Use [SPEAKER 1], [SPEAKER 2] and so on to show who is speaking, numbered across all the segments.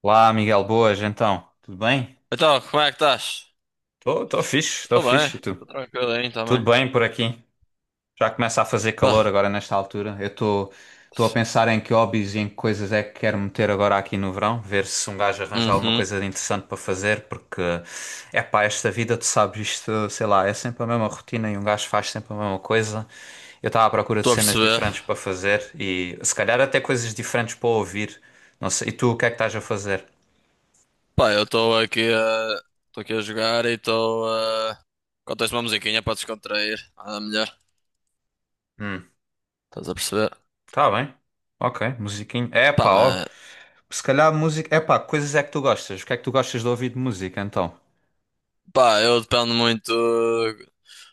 [SPEAKER 1] Olá, Miguel, boas, então, tudo bem?
[SPEAKER 2] Então, como é que estás?
[SPEAKER 1] Estou
[SPEAKER 2] Estou bem,
[SPEAKER 1] fixe, e tu?
[SPEAKER 2] estou tranquilo aí
[SPEAKER 1] Tudo
[SPEAKER 2] também.
[SPEAKER 1] bem por aqui? Já começa a fazer
[SPEAKER 2] Pá,
[SPEAKER 1] calor agora nesta altura. Eu estou a pensar em que hobbies e em que coisas é que quero meter agora aqui no verão, ver se um gajo arranja alguma
[SPEAKER 2] uhum,
[SPEAKER 1] coisa de interessante para fazer, porque é pá, esta vida, tu sabes, isto, sei lá, é sempre a mesma rotina e um gajo faz sempre a mesma coisa. Eu estava à procura de
[SPEAKER 2] estou a
[SPEAKER 1] cenas
[SPEAKER 2] perceber.
[SPEAKER 1] diferentes para fazer e se calhar até coisas diferentes para ouvir. Não sei, e tu o que é que estás a fazer?
[SPEAKER 2] Pá, eu estou aqui a. Estou aqui a jogar e estou a. Contei-se uma musiquinha para descontrair, nada melhor.
[SPEAKER 1] Hum.
[SPEAKER 2] Estás a perceber?
[SPEAKER 1] Tá bem. Ok, musiquinho. É
[SPEAKER 2] Pá,
[SPEAKER 1] pá, ó.
[SPEAKER 2] mas.
[SPEAKER 1] Se calhar música. É pá, coisas é que tu gostas. O que é que tu gostas de ouvir de música então?
[SPEAKER 2] Pá, eu dependo muito do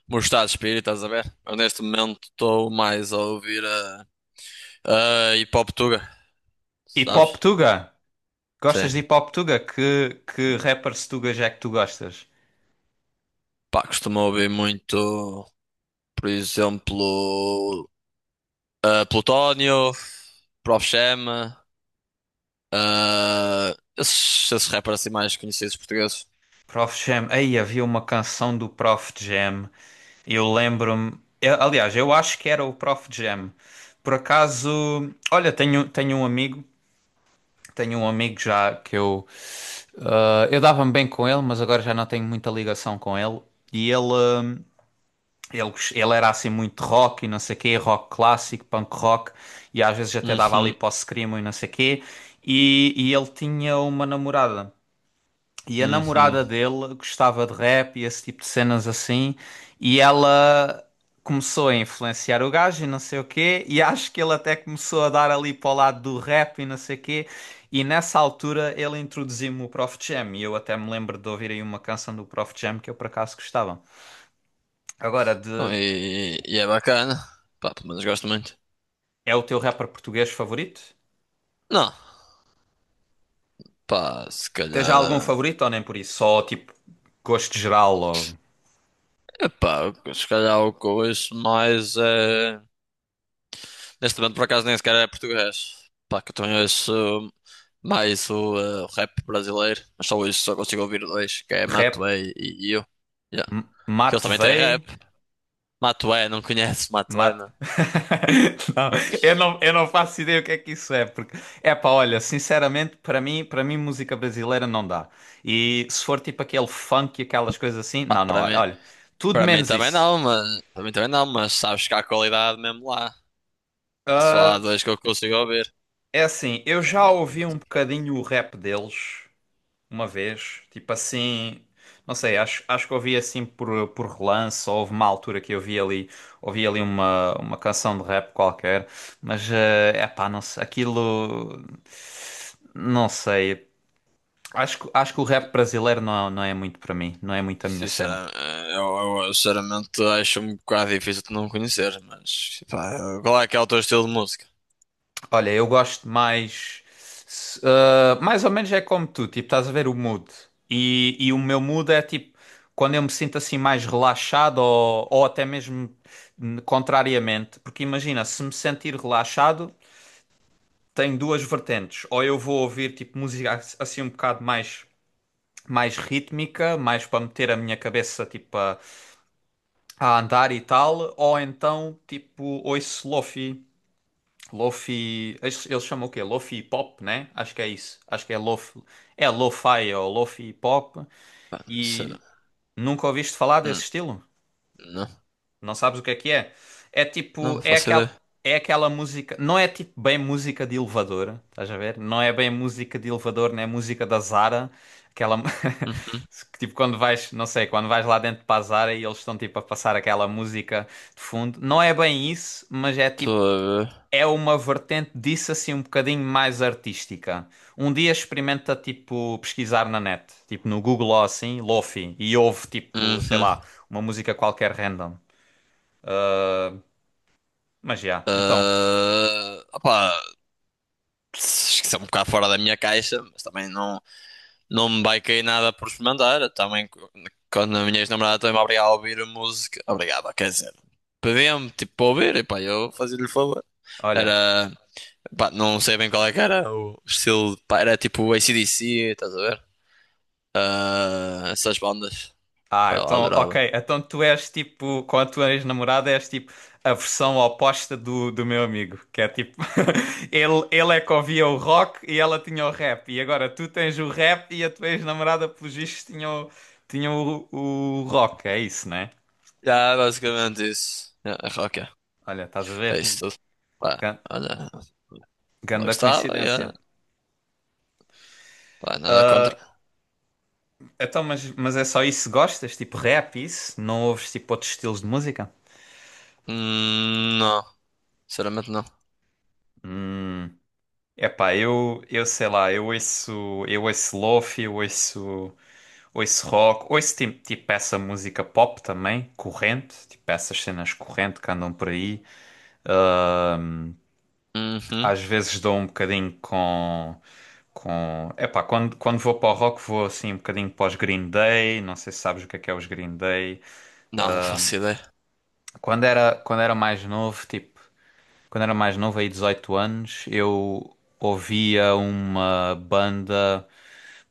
[SPEAKER 2] meu estado de espírito, estás a ver? Eu neste momento estou mais a ouvir a. A hip hop tuga,
[SPEAKER 1] Hip Hop
[SPEAKER 2] sabes?
[SPEAKER 1] Tuga? Gostas de
[SPEAKER 2] Sim.
[SPEAKER 1] Hip Hop Tuga? Que rappers tugas é que tu gostas?
[SPEAKER 2] Pá, costumo ouvir muito, por exemplo. Plutónio, Prof. Jam, esses rappers assim mais conhecidos portugueses.
[SPEAKER 1] Prof Jam. Aí havia uma canção do Prof Jam. Eu lembro-me. Aliás, eu acho que era o Prof Jam. Por acaso. Olha, tenho um amigo. Tenho um amigo já que eu. Eu dava-me bem com ele, mas agora já não tenho muita ligação com ele. E ele. Ele era assim muito rock e não sei quê, rock clássico, punk rock, e às vezes até dava ali
[SPEAKER 2] Uhum,
[SPEAKER 1] para o screamo e não sei quê. E ele tinha uma namorada. E a
[SPEAKER 2] uhum.
[SPEAKER 1] namorada dele gostava de rap e esse tipo de cenas assim, e ela começou a influenciar o gajo e não sei o quê, e acho que ele até começou a dar ali para o lado do rap e não sei o quê. E nessa altura ele introduziu-me o Prof Jam, e eu até me lembro de ouvir aí uma canção do Prof Jam que eu por acaso gostava. Agora,
[SPEAKER 2] Bom,
[SPEAKER 1] de
[SPEAKER 2] e é bacana. Pá, pelo menos gosto muito.
[SPEAKER 1] É o teu rapper português favorito?
[SPEAKER 2] Não, pá, se
[SPEAKER 1] Tens já
[SPEAKER 2] calhar.
[SPEAKER 1] algum favorito ou nem por isso? Só tipo gosto geral ou
[SPEAKER 2] Epá, se calhar o que eu ouço mais é. Neste momento, por acaso, nem sequer é português. Pá, que eu também ouço mais o rap brasileiro. Mas só isso, só consigo ouvir dois, que é
[SPEAKER 1] rap?
[SPEAKER 2] Matuê e eu. Yeah. Que eles
[SPEAKER 1] Mate
[SPEAKER 2] também têm
[SPEAKER 1] Vey?
[SPEAKER 2] rap. Matuê, não conheces Matuê.
[SPEAKER 1] Mate... Não, eu não faço ideia o que é que isso é, porque é pá, olha, sinceramente, para mim música brasileira não dá. E se for tipo aquele funk e aquelas coisas assim,
[SPEAKER 2] Pá,
[SPEAKER 1] não, não,
[SPEAKER 2] para
[SPEAKER 1] olha,
[SPEAKER 2] mim,
[SPEAKER 1] olha, tudo
[SPEAKER 2] para mim
[SPEAKER 1] menos
[SPEAKER 2] também
[SPEAKER 1] isso.
[SPEAKER 2] não, mas para mim também não, mas sabes que há qualidade mesmo lá. Pá, só há dois que eu consigo ouvir,
[SPEAKER 1] É assim, eu
[SPEAKER 2] porque
[SPEAKER 1] já
[SPEAKER 2] é
[SPEAKER 1] ouvi
[SPEAKER 2] muito
[SPEAKER 1] um
[SPEAKER 2] diferente.
[SPEAKER 1] bocadinho o rap deles. Uma vez, tipo assim, não sei, acho que ouvi assim por relance, ou houve uma altura que eu vi ali, ouvi ali uma canção de rap qualquer, mas é pá, não sei, aquilo, não sei, acho que o rap brasileiro não, não é muito para mim, não é muito a minha cena.
[SPEAKER 2] Sinceramente, sinceramente acho um bocado difícil de não conhecer, mas pá, qual é que é o teu estilo de música?
[SPEAKER 1] Olha, eu gosto mais. Mais ou menos é como tu, tipo, estás a ver o mood. E o meu mood é tipo, quando eu me sinto assim mais relaxado ou até mesmo contrariamente. Porque imagina, se me sentir relaxado, tenho duas vertentes. Ou eu vou ouvir tipo música assim um bocado mais, mais rítmica, mais para meter a minha cabeça tipo a andar e tal. Ou então tipo ouço lofi. Lofi. Eles chamam o quê? Lofi Pop, né? Acho que é isso. Acho que é Lofi. É Lo-Fi ou Lofi Pop.
[SPEAKER 2] Sério?
[SPEAKER 1] E nunca ouviste falar
[SPEAKER 2] Hum,
[SPEAKER 1] desse estilo?
[SPEAKER 2] não,
[SPEAKER 1] Não sabes o que é que é? É
[SPEAKER 2] não,
[SPEAKER 1] tipo.
[SPEAKER 2] não
[SPEAKER 1] É
[SPEAKER 2] faço ideia.
[SPEAKER 1] aquela. É aquela música, não é tipo bem música de elevador, estás a ver? Não é bem música de elevador, nem música da Zara, aquela
[SPEAKER 2] Uhum.
[SPEAKER 1] que, tipo quando vais, não sei, quando vais lá dentro para a Zara e eles estão tipo a passar aquela música de fundo. Não é bem isso, mas é
[SPEAKER 2] Estou
[SPEAKER 1] tipo
[SPEAKER 2] a ver.
[SPEAKER 1] é uma vertente disso assim um bocadinho mais artística. Um dia experimenta tipo pesquisar na net, tipo no Google ou assim, Lofi, e ouve tipo, sei
[SPEAKER 2] Uhum.
[SPEAKER 1] lá, uma música qualquer random. Ah, mas já, então,
[SPEAKER 2] Ah, opá, acho que isso é um bocado fora da minha caixa, mas também não. Não me vai cair nada por experimentar. Também, quando a minha ex-namorada também me obrigava a ouvir música. Obrigada, quer dizer. Pedia-me, tipo, para ouvir. E pá, eu fazia-lhe o favor.
[SPEAKER 1] olha.
[SPEAKER 2] Era. Pá, não sei bem qual é que era o estilo. Pá, era tipo AC/DC, estás a ver? Ah, essas bandas.
[SPEAKER 1] Ah,
[SPEAKER 2] Pá, ela
[SPEAKER 1] então,
[SPEAKER 2] adorava.
[SPEAKER 1] ok. Então tu és tipo, com a tua ex-namorada, és tipo a versão oposta do meu amigo, que é tipo, ele é que ouvia o rock e ela tinha o rap, e agora tu tens o rap e a tua ex-namorada, pelos vistos, tinha o rock, é isso, né?
[SPEAKER 2] Já, basicamente isso. É, é rock, é.
[SPEAKER 1] Olha, estás a
[SPEAKER 2] É
[SPEAKER 1] ver?
[SPEAKER 2] isso tudo. Pá,
[SPEAKER 1] Gan-
[SPEAKER 2] olha, ela
[SPEAKER 1] Ganda
[SPEAKER 2] gostava e olha,
[SPEAKER 1] coincidência.
[SPEAKER 2] pá, nada contra.
[SPEAKER 1] Então, mas é só isso que gostas? Tipo rap, isso? Não ouves tipo outros estilos de música?
[SPEAKER 2] Não, sinceramente não.
[SPEAKER 1] Hum, Epá, eu sei lá, eu ouço, lofi, eu ouço. Ouço rock, ouço tipo essa música pop também, corrente, tipo essas cenas corrente que andam por aí.
[SPEAKER 2] Uhum.
[SPEAKER 1] Às vezes dou um bocadinho Epá, quando vou para o rock vou assim um bocadinho para os Green Day, não sei se sabes o que é os Green Day.
[SPEAKER 2] Não, não faço ideia.
[SPEAKER 1] Quando era mais novo, tipo, quando era mais novo, aí 18 anos, eu ouvia uma banda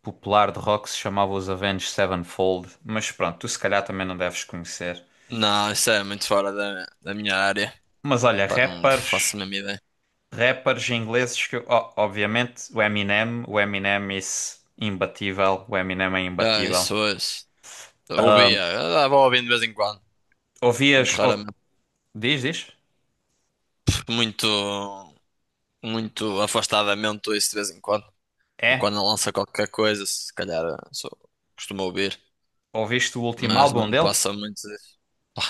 [SPEAKER 1] popular de rock que se chamava os Avenged Sevenfold, mas pronto, tu se calhar também não deves conhecer.
[SPEAKER 2] Não, isso é muito fora da minha área.
[SPEAKER 1] Mas olha,
[SPEAKER 2] Pá, não faço
[SPEAKER 1] rappers.
[SPEAKER 2] a mesma ideia.
[SPEAKER 1] Rappers ingleses que, ó, obviamente, o Eminem is imbatível, o Eminem é
[SPEAKER 2] Já,
[SPEAKER 1] imbatível.
[SPEAKER 2] isso hoje. Ouvia, vou ouvindo de vez em quando. Muito
[SPEAKER 1] Ouvias,
[SPEAKER 2] raramente,
[SPEAKER 1] diz, diz?
[SPEAKER 2] muito, muito afastadamente ouço de vez em quando. Ou
[SPEAKER 1] É?
[SPEAKER 2] quando lança qualquer coisa, se calhar só costumo ouvir.
[SPEAKER 1] Ouviste o último
[SPEAKER 2] Mas
[SPEAKER 1] álbum
[SPEAKER 2] não
[SPEAKER 1] dele?
[SPEAKER 2] passa muito disso. Pá,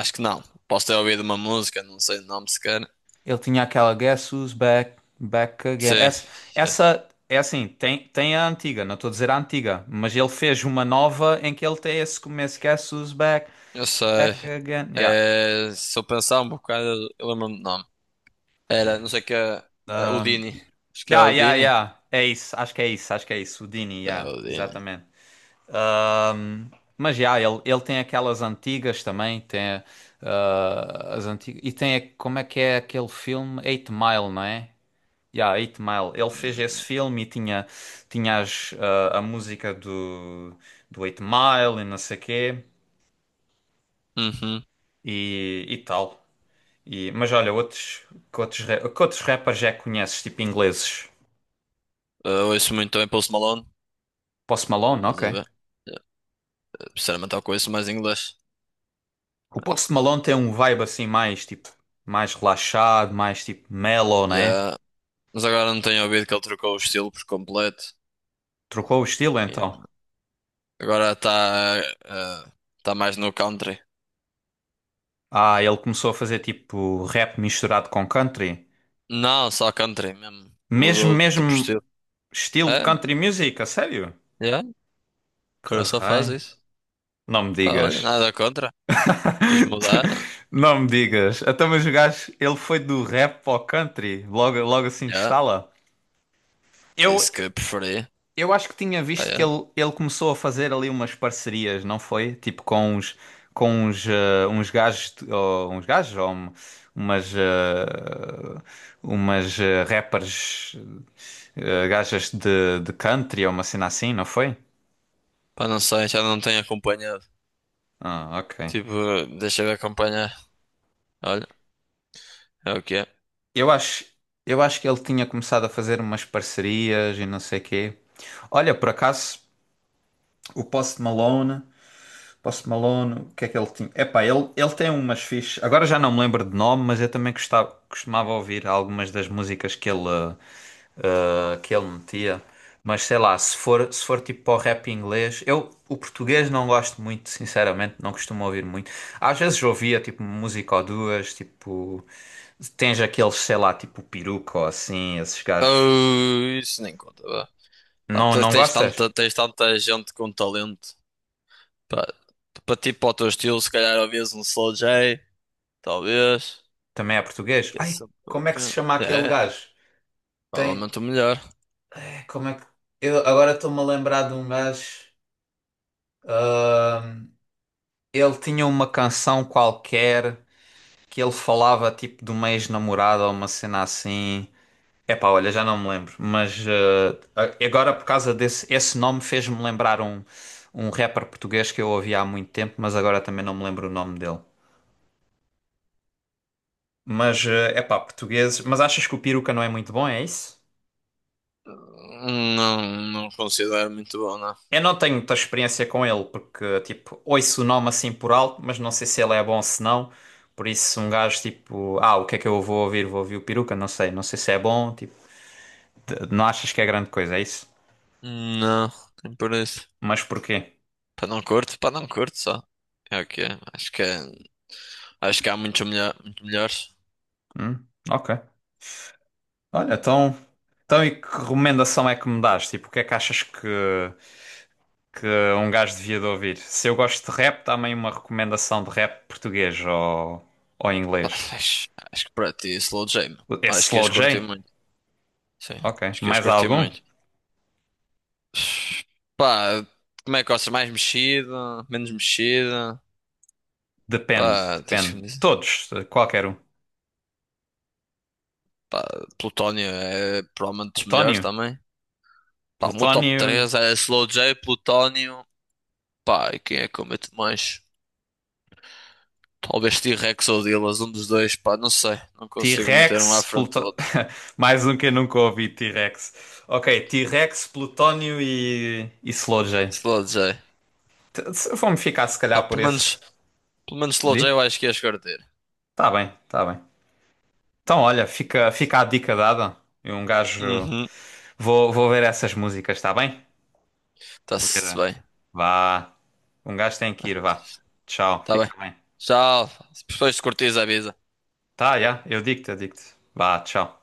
[SPEAKER 2] acho que não. Posso ter ouvido uma música, não sei o nome sequer.
[SPEAKER 1] Ele tinha aquela Guess Who's Back, Back Again.
[SPEAKER 2] Sim,
[SPEAKER 1] Essa,
[SPEAKER 2] sim,
[SPEAKER 1] essa é assim, tem a antiga, não estou a dizer a antiga, mas ele fez uma nova em que ele tem esse começo, Guess Who's Back,
[SPEAKER 2] eu sei.
[SPEAKER 1] Back Again. Yeah.
[SPEAKER 2] É, se eu pensar um bocado, eu lembro-me de nomes. Era, não sei o que é. É
[SPEAKER 1] Um,
[SPEAKER 2] Houdini. Acho que é
[SPEAKER 1] yeah, yeah,
[SPEAKER 2] Houdini.
[SPEAKER 1] yeah. É isso, acho que é isso, acho que é isso. O Dini,
[SPEAKER 2] É
[SPEAKER 1] yeah,
[SPEAKER 2] Houdini.
[SPEAKER 1] exatamente. Ahm, mas já, ele tem aquelas antigas também, tem as antigas. E tem, como é que é aquele filme? Eight Mile, não é? Já, Eight Mile. Ele fez esse
[SPEAKER 2] Hum.
[SPEAKER 1] filme e tinha, tinha a música do Eight Mile e não sei quê
[SPEAKER 2] Uhum.
[SPEAKER 1] e tal. E, mas olha, outros, que outros, ra- que outros rappers já conheces, tipo ingleses?
[SPEAKER 2] Eu ouço muito também Post Malone.
[SPEAKER 1] Post Malone,
[SPEAKER 2] Estás
[SPEAKER 1] ok.
[SPEAKER 2] a ver? Eh, Sinceramente, eu conheço mais inglês.
[SPEAKER 1] O Post Malone tem um vibe assim mais, tipo, mais relaxado, mais tipo mellow, né?
[SPEAKER 2] Yeah. Mas agora não tenho ouvido que ele trocou o estilo por completo.
[SPEAKER 1] Trocou o estilo
[SPEAKER 2] E
[SPEAKER 1] então.
[SPEAKER 2] agora está eh, está mais no country.
[SPEAKER 1] Ah, ele começou a fazer tipo rap misturado com country.
[SPEAKER 2] Não, só country mesmo.
[SPEAKER 1] Mesmo,
[SPEAKER 2] Mudou de
[SPEAKER 1] mesmo
[SPEAKER 2] tipo de estilo.
[SPEAKER 1] estilo de
[SPEAKER 2] É,
[SPEAKER 1] country music, a sério?
[SPEAKER 2] yeah.
[SPEAKER 1] Que
[SPEAKER 2] Agora só faz
[SPEAKER 1] raio.
[SPEAKER 2] isso.
[SPEAKER 1] Não me
[SPEAKER 2] Pá, olha,
[SPEAKER 1] digas.
[SPEAKER 2] nada contra. Quis mudar.
[SPEAKER 1] Não me digas. Até mas o gajo, ele foi do rap ao country, logo, logo assim de
[SPEAKER 2] Yeah.
[SPEAKER 1] estala. Eu,
[SPEAKER 2] Disse que preferia.
[SPEAKER 1] Eu acho que tinha
[SPEAKER 2] Ah,
[SPEAKER 1] visto que
[SPEAKER 2] yeah.
[SPEAKER 1] ele começou a fazer ali umas parcerias, não foi? Tipo com uns, uns gajos, ou, uns gajos, ou umas, eh, umas rappers, gajas de country, ou uma cena assim, não foi?
[SPEAKER 2] Pá, não sei, já não tenho acompanhado.
[SPEAKER 1] Ah, ok.
[SPEAKER 2] Tipo, deixa eu ver acompanhar. Olha, é o que é.
[SPEAKER 1] Eu acho, eu acho que ele tinha começado a fazer umas parcerias e não sei quê. Olha, por acaso, o Post Malone. Post Malone, o que é que ele tinha? Epá, ele tem umas fichas. Agora já não me lembro de nome, mas eu também gostava, costumava ouvir algumas das músicas que ele, que ele metia. Mas sei lá, se for, se for tipo para o rap inglês, eu o português não gosto muito, sinceramente, não costumo ouvir muito. Às vezes ouvia tipo música ou duas, tipo. Tens aqueles, sei lá, tipo Peruca ou assim, esses gajos.
[SPEAKER 2] Oh, isso nem conta, vá. Pá,
[SPEAKER 1] Não, não gostas?
[SPEAKER 2] tens tanta gente com talento. Pá, para ti, para o teu estilo, se calhar ouvias um Slow J, talvez.
[SPEAKER 1] Também é português?
[SPEAKER 2] Que é
[SPEAKER 1] Ai,
[SPEAKER 2] sempre
[SPEAKER 1] como é que se
[SPEAKER 2] bacana.
[SPEAKER 1] chama aquele
[SPEAKER 2] É,
[SPEAKER 1] gajo? Tem,
[SPEAKER 2] provavelmente o melhor.
[SPEAKER 1] como é que. Eu agora estou-me a lembrar de um gajo. ah, Ele tinha uma canção qualquer que ele falava tipo de uma ex-namorada ou uma cena assim. Epá, olha, já não me lembro. Mas ah, agora por causa desse esse nome fez-me lembrar um rapper português que eu ouvia há muito tempo, mas agora também não me lembro o nome dele. Mas, é epá, portugueses. Mas achas que o Peruca não é muito bom, é isso?
[SPEAKER 2] Não, não considero muito bom, não.
[SPEAKER 1] Eu não tenho muita experiência com ele, porque, tipo, ouço o nome assim por alto, mas não sei se ele é bom ou se não. Por isso, um gajo, tipo, o que é que eu vou ouvir? Vou ouvir o Peruca? Não sei, não sei se é bom, tipo, não achas que é grande coisa, é isso?
[SPEAKER 2] Não, nem por isso.
[SPEAKER 1] Mas porquê?
[SPEAKER 2] Para não curto só. É o que é. Acho que, é- acho que há muito melhores.
[SPEAKER 1] Hum, ok. Olha, então, então e que recomendação é que me dás? Tipo, o que é que achas que um gajo devia de ouvir? Se eu gosto de rap, dá-me aí uma recomendação de rap português ou
[SPEAKER 2] Pá,
[SPEAKER 1] inglês.
[SPEAKER 2] acho que para ti, Slow J, meu.
[SPEAKER 1] Esse
[SPEAKER 2] Acho que
[SPEAKER 1] Slow
[SPEAKER 2] ias curtir
[SPEAKER 1] J?
[SPEAKER 2] muito. Sim,
[SPEAKER 1] Ok.
[SPEAKER 2] acho que ias
[SPEAKER 1] Mais
[SPEAKER 2] curtir
[SPEAKER 1] algum?
[SPEAKER 2] muito. Pá, como é que gostas? Mais mexida? Menos mexida?
[SPEAKER 1] Depende,
[SPEAKER 2] Pá, tens que
[SPEAKER 1] depende.
[SPEAKER 2] me dizer.
[SPEAKER 1] Todos, qualquer um.
[SPEAKER 2] Pá, Plutónio é provavelmente dos melhores
[SPEAKER 1] Plutónio?
[SPEAKER 2] também. Pá, o meu top
[SPEAKER 1] Plutónio,
[SPEAKER 2] 3 é Slow J, Plutónio. Pá, e quem é que eu meto mais? Talvez T-Rex ou Dillaz, um dos dois. Pá, não sei. Não consigo meter um à
[SPEAKER 1] T-Rex,
[SPEAKER 2] frente do
[SPEAKER 1] Pluto...
[SPEAKER 2] outro.
[SPEAKER 1] Mais um que eu nunca ouvi, T-Rex. Ok, T-Rex, Plutónio e Slowjay.
[SPEAKER 2] Slow J.
[SPEAKER 1] Vou-me ficar se
[SPEAKER 2] Pá,
[SPEAKER 1] calhar por esse.
[SPEAKER 2] pelo menos Slow J
[SPEAKER 1] Di?
[SPEAKER 2] eu acho que ias curtir.
[SPEAKER 1] Tá bem, tá bem. Então olha, fica a dica dada. E um gajo.
[SPEAKER 2] Uhum.
[SPEAKER 1] Vou ver essas músicas, tá bem? Vou ver.
[SPEAKER 2] Está-se bem.
[SPEAKER 1] Vá. Um gajo tem que ir, vá. Tchau,
[SPEAKER 2] Tá bem.
[SPEAKER 1] fica bem.
[SPEAKER 2] Tchau. Se depois curtires, avisa.
[SPEAKER 1] Tá, já, eu digo-te, eu digo-te. Vá, tchau.